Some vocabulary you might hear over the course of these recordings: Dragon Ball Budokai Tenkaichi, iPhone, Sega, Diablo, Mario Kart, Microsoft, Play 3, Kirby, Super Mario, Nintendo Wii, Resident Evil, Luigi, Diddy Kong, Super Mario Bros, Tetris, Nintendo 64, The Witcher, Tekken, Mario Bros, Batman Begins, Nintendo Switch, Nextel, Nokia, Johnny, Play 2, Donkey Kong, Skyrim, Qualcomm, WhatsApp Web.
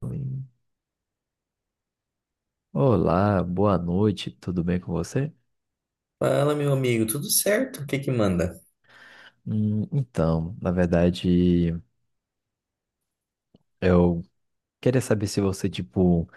Oi. Olá, boa noite, tudo bem com você? Fala, meu amigo, tudo certo? O que que manda? Então, na verdade, eu queria saber se você, tipo,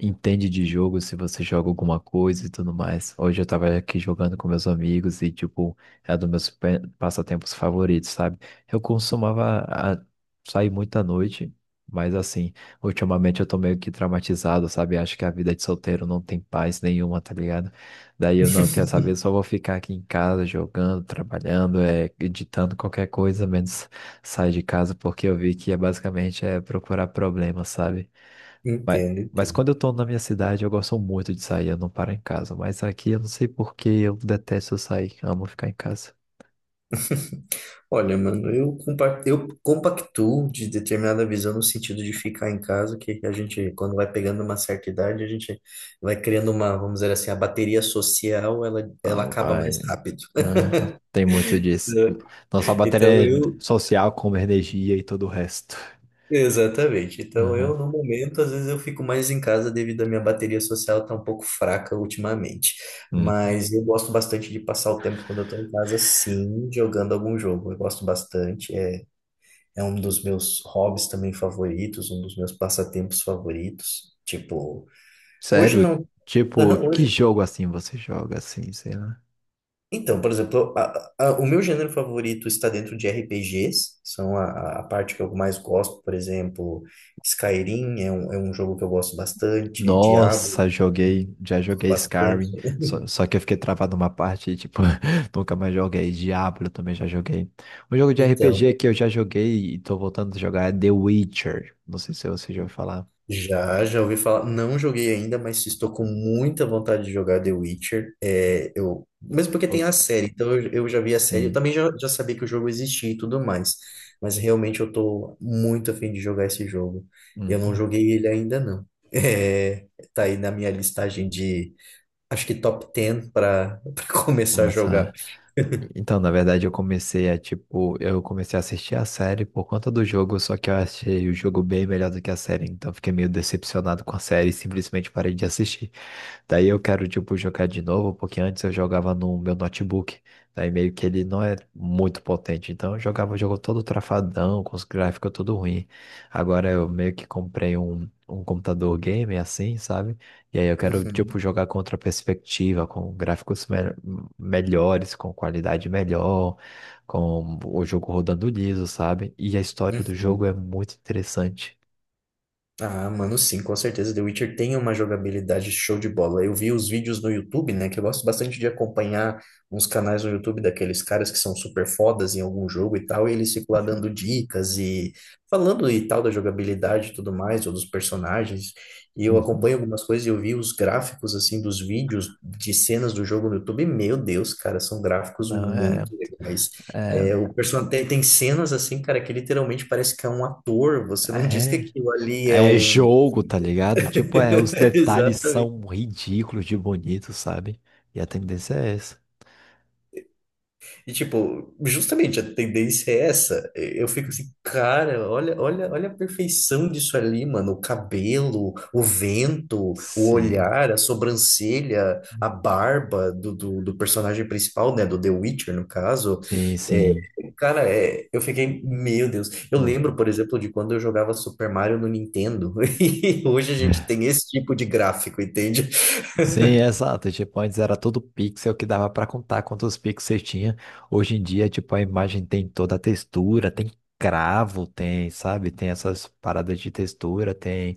entende de jogo, se você joga alguma coisa e tudo mais. Hoje eu tava aqui jogando com meus amigos e, tipo, é dos meus passatempos favoritos, sabe? Eu costumava sair muito à noite, mas assim, ultimamente eu tô meio que traumatizado, sabe? Acho que a vida de solteiro não tem paz nenhuma, tá ligado? Daí eu não quero saber, só vou ficar aqui em casa jogando, trabalhando, editando qualquer coisa, menos sair de casa, porque eu vi que é basicamente procurar problemas, sabe? Mas, Entendo, mas entendo. quando eu tô na minha cidade, eu gosto muito de sair, eu não paro em casa. Mas aqui eu não sei por que eu detesto sair, amo ficar em casa. Olha, mano, eu compactuo de determinada visão no sentido de ficar em casa, que a gente, quando vai pegando uma certa idade, a gente vai criando uma, vamos dizer assim, a bateria social, ela Ah, acaba vai. mais rápido. Aham, tem muito disso. Então, Nossa então bateria é eu, social, como energia e todo o resto. Exatamente. Então, Aham. eu, no momento, às vezes eu fico mais em casa devido à minha bateria social tá um pouco fraca ultimamente. Hum. Mas eu gosto bastante de passar o tempo quando eu tô em casa, sim, jogando algum jogo. Eu gosto bastante. É, é um dos meus hobbies também favoritos, um dos meus passatempos favoritos. Tipo, hoje Sério? não. Tipo, Aham, que hoje, jogo assim você joga assim, sei lá? então, por exemplo, o meu gênero favorito está dentro de RPGs, são a parte que eu mais gosto. Por exemplo, Skyrim é é um jogo que eu gosto bastante. Diablo, Nossa, joguei, já gosto joguei Skyrim, bastante. só que eu fiquei travado numa parte, e, tipo, nunca mais joguei. Diablo também já joguei. Um jogo de Então, RPG que eu já joguei e tô voltando a jogar é The Witcher. Não sei se você já ouviu falar. já, já ouvi falar. Não joguei ainda, mas estou com muita vontade de jogar The Witcher. É, eu, mesmo porque tem Ou- a série, então eu já vi a série. Eu Sim. também já, já sabia que o jogo existia e tudo mais. Mas realmente eu tô muito afim de jogar esse jogo. Eu não Uhum. joguei ele ainda, não. É, tá aí na minha listagem de, acho que top 10 para começar a jogar. Começar. Então, na verdade, eu comecei a, tipo, eu comecei a assistir a série por conta do jogo, só que eu achei o jogo bem melhor do que a série, então fiquei meio decepcionado com a série e simplesmente parei de assistir. Daí eu quero, tipo, jogar de novo, porque antes eu jogava no meu notebook. Daí meio que ele não é muito potente. Então eu jogava o jogo todo trafadão, com os gráficos tudo ruim. Agora eu meio que comprei um computador gamer assim, sabe? E aí eu quero, tipo, Uhum, jogar com outra perspectiva, com gráficos me melhores, com qualidade melhor, com o jogo rodando liso, sabe? E a história do jogo uhum. é muito interessante. Ah, mano, sim, com certeza. The Witcher tem uma jogabilidade show de bola. Eu vi os vídeos no YouTube, né? Que eu gosto bastante de acompanhar uns canais no YouTube daqueles caras que são super fodas em algum jogo e tal, e eles ficam lá Sim. dando dicas e falando e tal da jogabilidade e tudo mais, ou dos personagens. E eu Uhum. acompanho algumas coisas e eu vi os gráficos, assim, dos vídeos de cenas do jogo no YouTube. E, meu Deus, cara, são gráficos Não, muito legais. É, é, o personagem tem cenas assim, cara, que literalmente parece que é um ator. Você não diz que é. aquilo ali é É um. jogo, tá ligado? Tipo, é, os detalhes são Exatamente. ridículos de bonito, sabe? E a tendência é essa. E, tipo, justamente a tendência é essa. Eu fico assim, cara, olha, olha, olha a perfeição disso ali, mano. O cabelo, o vento, o Sim, olhar, a sobrancelha, a barba do personagem principal, né? Do The Witcher, no caso. sim, É, sim. cara, é, eu fiquei, meu Deus. Eu lembro, Uhum. por exemplo, de quando eu jogava Super Mario no Nintendo. E hoje a gente tem esse tipo de gráfico, entende? Sim, exato. Tipo, antes era tudo pixel que dava para contar quantos pixels tinha. Hoje em dia, tipo, a imagem tem toda a textura, tem cravo, tem, sabe? Tem essas paradas de textura, tem.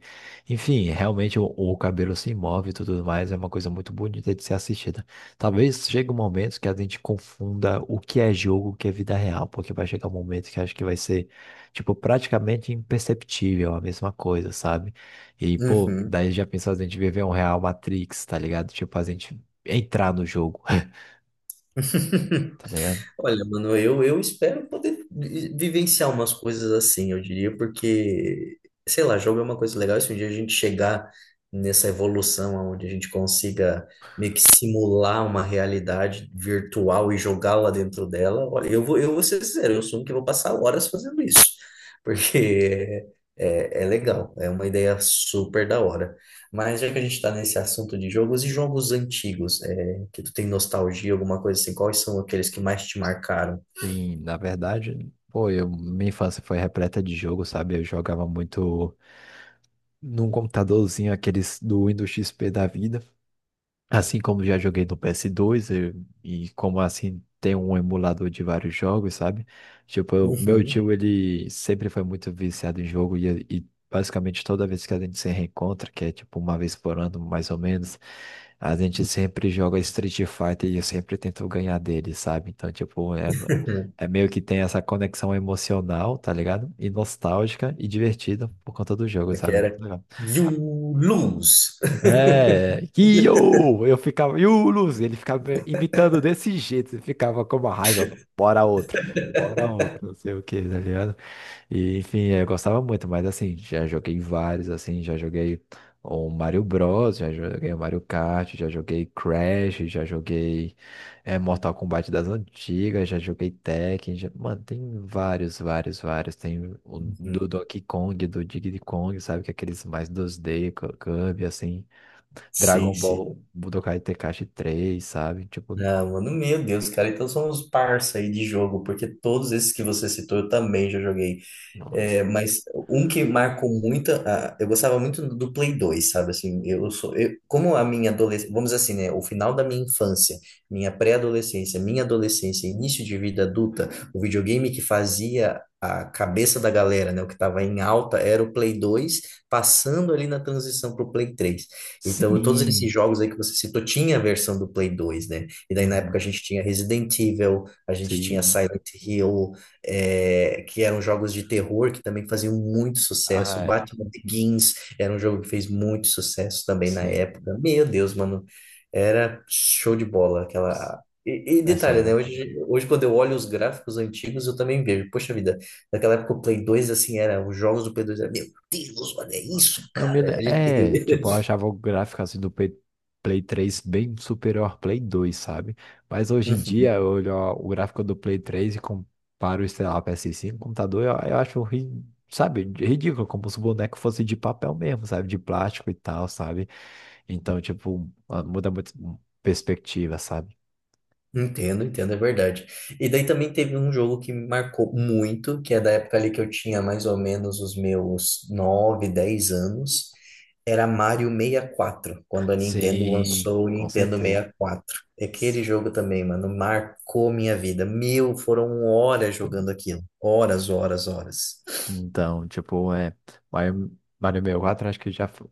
Enfim, realmente o cabelo se move e tudo mais. É uma coisa muito bonita de ser assistida. Talvez chegue um momento que a gente confunda o que é jogo, o que é vida real, porque vai chegar um momento que acho que vai ser, tipo, praticamente imperceptível a mesma coisa, sabe? E, pô, Uhum. daí já pensou a gente viver um real Matrix, tá ligado? Tipo, a gente entrar no jogo, tá ligado? Olha, mano, eu espero poder vivenciar umas coisas assim, eu diria, porque, sei lá, jogo é uma coisa legal. Se um dia a gente chegar nessa evolução onde a gente consiga meio que simular uma realidade virtual e jogá-la dentro dela, olha, eu vou ser sincero, eu assumo que vou passar horas fazendo isso, porque é legal, é uma ideia super da hora. Mas já que a gente está nesse assunto de jogos e jogos antigos, é, que tu tem nostalgia, alguma coisa assim, quais são aqueles que mais te marcaram? Sim, na verdade, pô, eu, minha infância foi repleta de jogo, sabe? Eu jogava muito num computadorzinho, aqueles do Windows XP da vida. Assim como já joguei no PS2 e como assim tem um emulador de vários jogos, sabe? Tipo, o meu Uhum. tio, ele sempre foi muito viciado em jogo e basicamente toda vez que a gente se reencontra, que é tipo uma vez por ano, mais ou menos, a gente sempre joga Street Fighter e eu sempre tento ganhar dele, sabe? Então, tipo, é, é meio que tem essa conexão emocional, tá ligado? E nostálgica e divertida por conta do jogo, Como é que sabe? era? You lose! É, que eu ficava, e o Luz, ele ficava me imitando desse jeito, eu ficava com uma raiva, mano. Bora outro, bora outro, não sei o que, tá ligado? E, enfim, eu gostava muito, mas assim, já joguei vários, assim, já joguei o Mario Bros, já joguei o Mario Kart, já joguei Crash, já joguei Mortal Kombat das antigas, já joguei Tekken, mano, tem vários, vários, vários, tem o Uhum. do Donkey Kong, do Diddy Kong, sabe, que é aqueles mais 2D, Kirby, assim, Sim, Dragon sim. Ball Budokai Tenkaichi três, sabe? Tipo, Ah, mano, meu Deus, cara, então somos parça aí de jogo, porque todos esses que você citou eu também já joguei. nossa. É, mas um que marcou muito, ah, eu gostava muito do Play 2, sabe? Assim, como a minha adolescência, vamos dizer assim, né? O final da minha infância, minha pré-adolescência, minha adolescência, início de vida adulta, o videogame que fazia a cabeça da galera, né? O que estava em alta era o Play 2, passando ali na transição para o Play 3. Então, todos Sim. esses jogos aí que você citou, tinha a versão do Play 2, né? E daí na época Uhum. a gente tinha Resident Evil, a gente tinha Sim. Silent Hill, é, que eram jogos de terror que também faziam muito sucesso. Ah, Batman Begins era um jogo que fez muito sucesso também na sim. época. Meu Deus, mano, era show de bola aquela. E É detalhe, né? sério. Hoje, hoje, quando eu olho os gráficos antigos, eu também vejo. Poxa vida, naquela época o Play 2, assim, era. Os jogos do Play 2 era, meu Deus, olha isso, Não, cara. A é, tipo, eu gente... achava o gráfico assim do Play, Play 3 bem superior ao Play 2, sabe? Mas hoje em dia eu olho o gráfico do Play três e comparo, sei lá, o PS5, com computador, eu acho, sabe, ridículo, como se o boneco fosse de papel mesmo, sabe? De plástico e tal, sabe? Então, tipo, ah, muda muito perspectiva, sabe? Entendo, entendo, é verdade. E daí também teve um jogo que me marcou muito, que é da época ali que eu tinha mais ou menos os meus 9, 10 anos. Era Mario 64, quando a Nintendo Sim, lançou o com Nintendo 64. E certeza. quatro. E aquele jogo também, mano, marcou minha vida. Meu, foram horas jogando aquilo. Horas, horas, horas. Então, tipo, é. Mario 64, acho que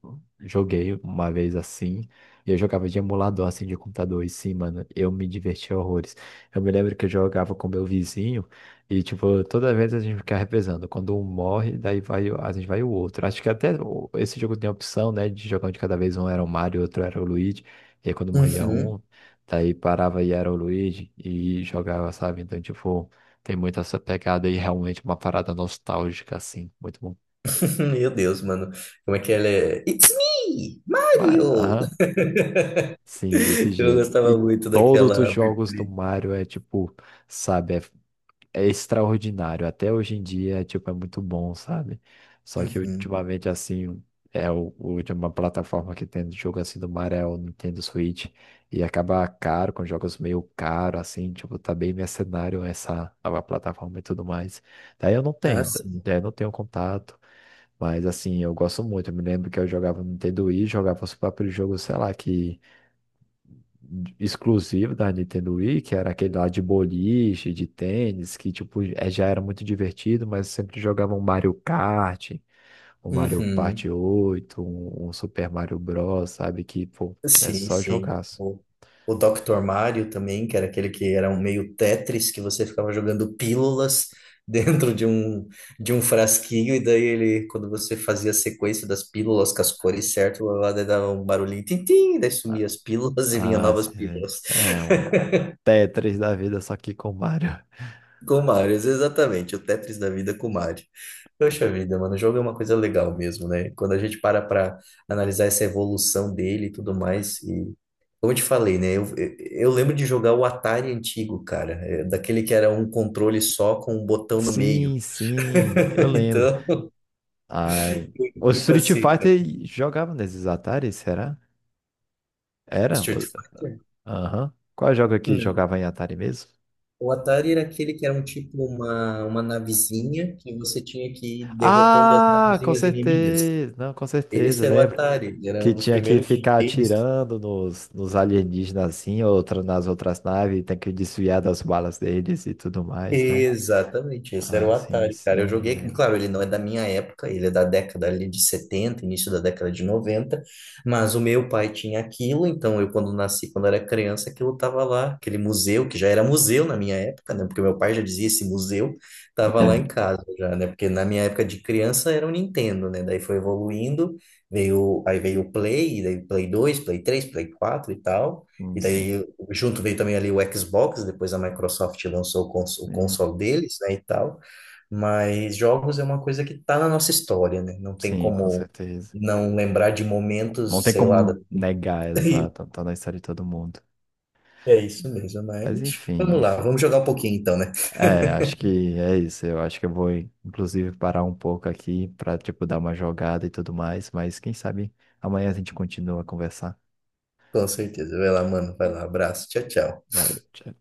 joguei uma vez assim. E eu jogava de emulador, assim, de computador. E sim, mano, eu me divertia horrores. Eu me lembro que eu jogava com meu vizinho. E, tipo, toda vez a gente ficava revezando. Quando um morre, daí vai, a gente vai o outro. Acho que até esse jogo tem a opção, né? De jogar um de cada vez. Um era o Mario, outro era o Luigi. E aí, quando morria Uhum. um, daí parava e era o Luigi. E jogava, sabe? Então, tipo. Tem muito essa pegada e realmente uma parada nostálgica, assim. Muito bom. Meu Deus, mano. Como é que ela é? It's me, Mano, Mario! aham. Sim, desse Eu jeito. E gostava muito todos os daquela jogos do abertura. Mario é tipo, sabe, é extraordinário. Até hoje em dia, tipo, é muito bom, sabe? Só que Uhum. ultimamente, assim, é o de uma plataforma que tem jogo assim do Mario é o Nintendo Switch. E acaba caro, com jogos meio caro, assim, tipo, tá bem mercenário essa nova plataforma e tudo mais. Daí eu não Ah, tenho, sim. daí eu não tenho contato. Mas assim, eu gosto muito. Eu me lembro que eu jogava no Nintendo Wii, jogava os próprios jogos, sei lá, que exclusivo da Nintendo Wii, que era aquele lá de boliche, de tênis, que tipo, é, já era muito divertido, mas eu sempre jogava um Mario Kart, um Mario Party Uhum. oito, um Super Mario Bros, sabe? Que, pô, é Sim, só sim. jogaço. O Dr. Mario também, que era aquele que era um meio Tetris, que você ficava jogando pílulas dentro de de um frasquinho, e daí ele, quando você fazia a sequência das pílulas com as cores certas, lá daí dava um barulhinho, tim-tim, daí sumia as pílulas e vinha Ah, novas sim. pílulas. É um Tetris da vida, só que com Mario. Com Marios, exatamente, o Tetris da vida com Mario. Poxa vida, mano, o jogo é uma coisa legal mesmo, né? Quando a gente para pra analisar essa evolução dele e tudo mais, e como eu te falei, né? Eu lembro de jogar o Atari antigo, cara, é, daquele que era um controle só com um botão no meio. Sim, sim, eu lembro. Então, Ai. O tipo Street assim, cara, Fighter jogava nesses Atari, será? Era? Street Fighter? Aham. Qual jogo que Não. jogava em Atari mesmo? O Atari era aquele que era um tipo uma navezinha que você tinha que ir derrotando as Ah, com navezinhas inimigas. certeza. Não, com certeza, Esse era o lembro. Atari, era um Que dos tinha que primeiros ficar games. atirando nos, nos alienígenas assim, outra nas outras naves, e tem que desviar das balas deles e tudo mais, né? Exatamente, esse era Ah, o sim, Atari, cara. Eu sim, joguei, lembro. claro, ele não é da minha época, ele é da década ali de 70, início da década de 90. Mas o meu pai tinha aquilo, então eu quando nasci, quando era criança, aquilo tava lá, aquele museu, que já era museu na minha época, né? Porque meu pai já dizia esse museu, tava lá em É, casa já, né? Porque na minha época de criança era o Nintendo, né? Daí foi evoluindo, veio, aí veio o Play, daí Play 2, Play 3, Play 4 e tal. sim, E sim. daí, junto veio também ali o Xbox, depois a Microsoft lançou o, cons o Sim, console deles, né, e tal. Mas jogos é uma coisa que tá na nossa história, né? Não tem sim, com como certeza. não lembrar de Bom, não momentos, tem sei lá, da- como negar, exato, tá na história de todo mundo. É isso mesmo, Mas mas enfim, vamos lá, vamos jogar um pouquinho então, né? é, acho que é isso. Eu acho que eu vou, inclusive, parar um pouco aqui para, tipo, dar uma jogada e tudo mais. Mas quem sabe amanhã a gente continua a conversar. Com certeza. Vai lá, mano, vai lá, abraço, tchau, tchau. Valeu, tchau.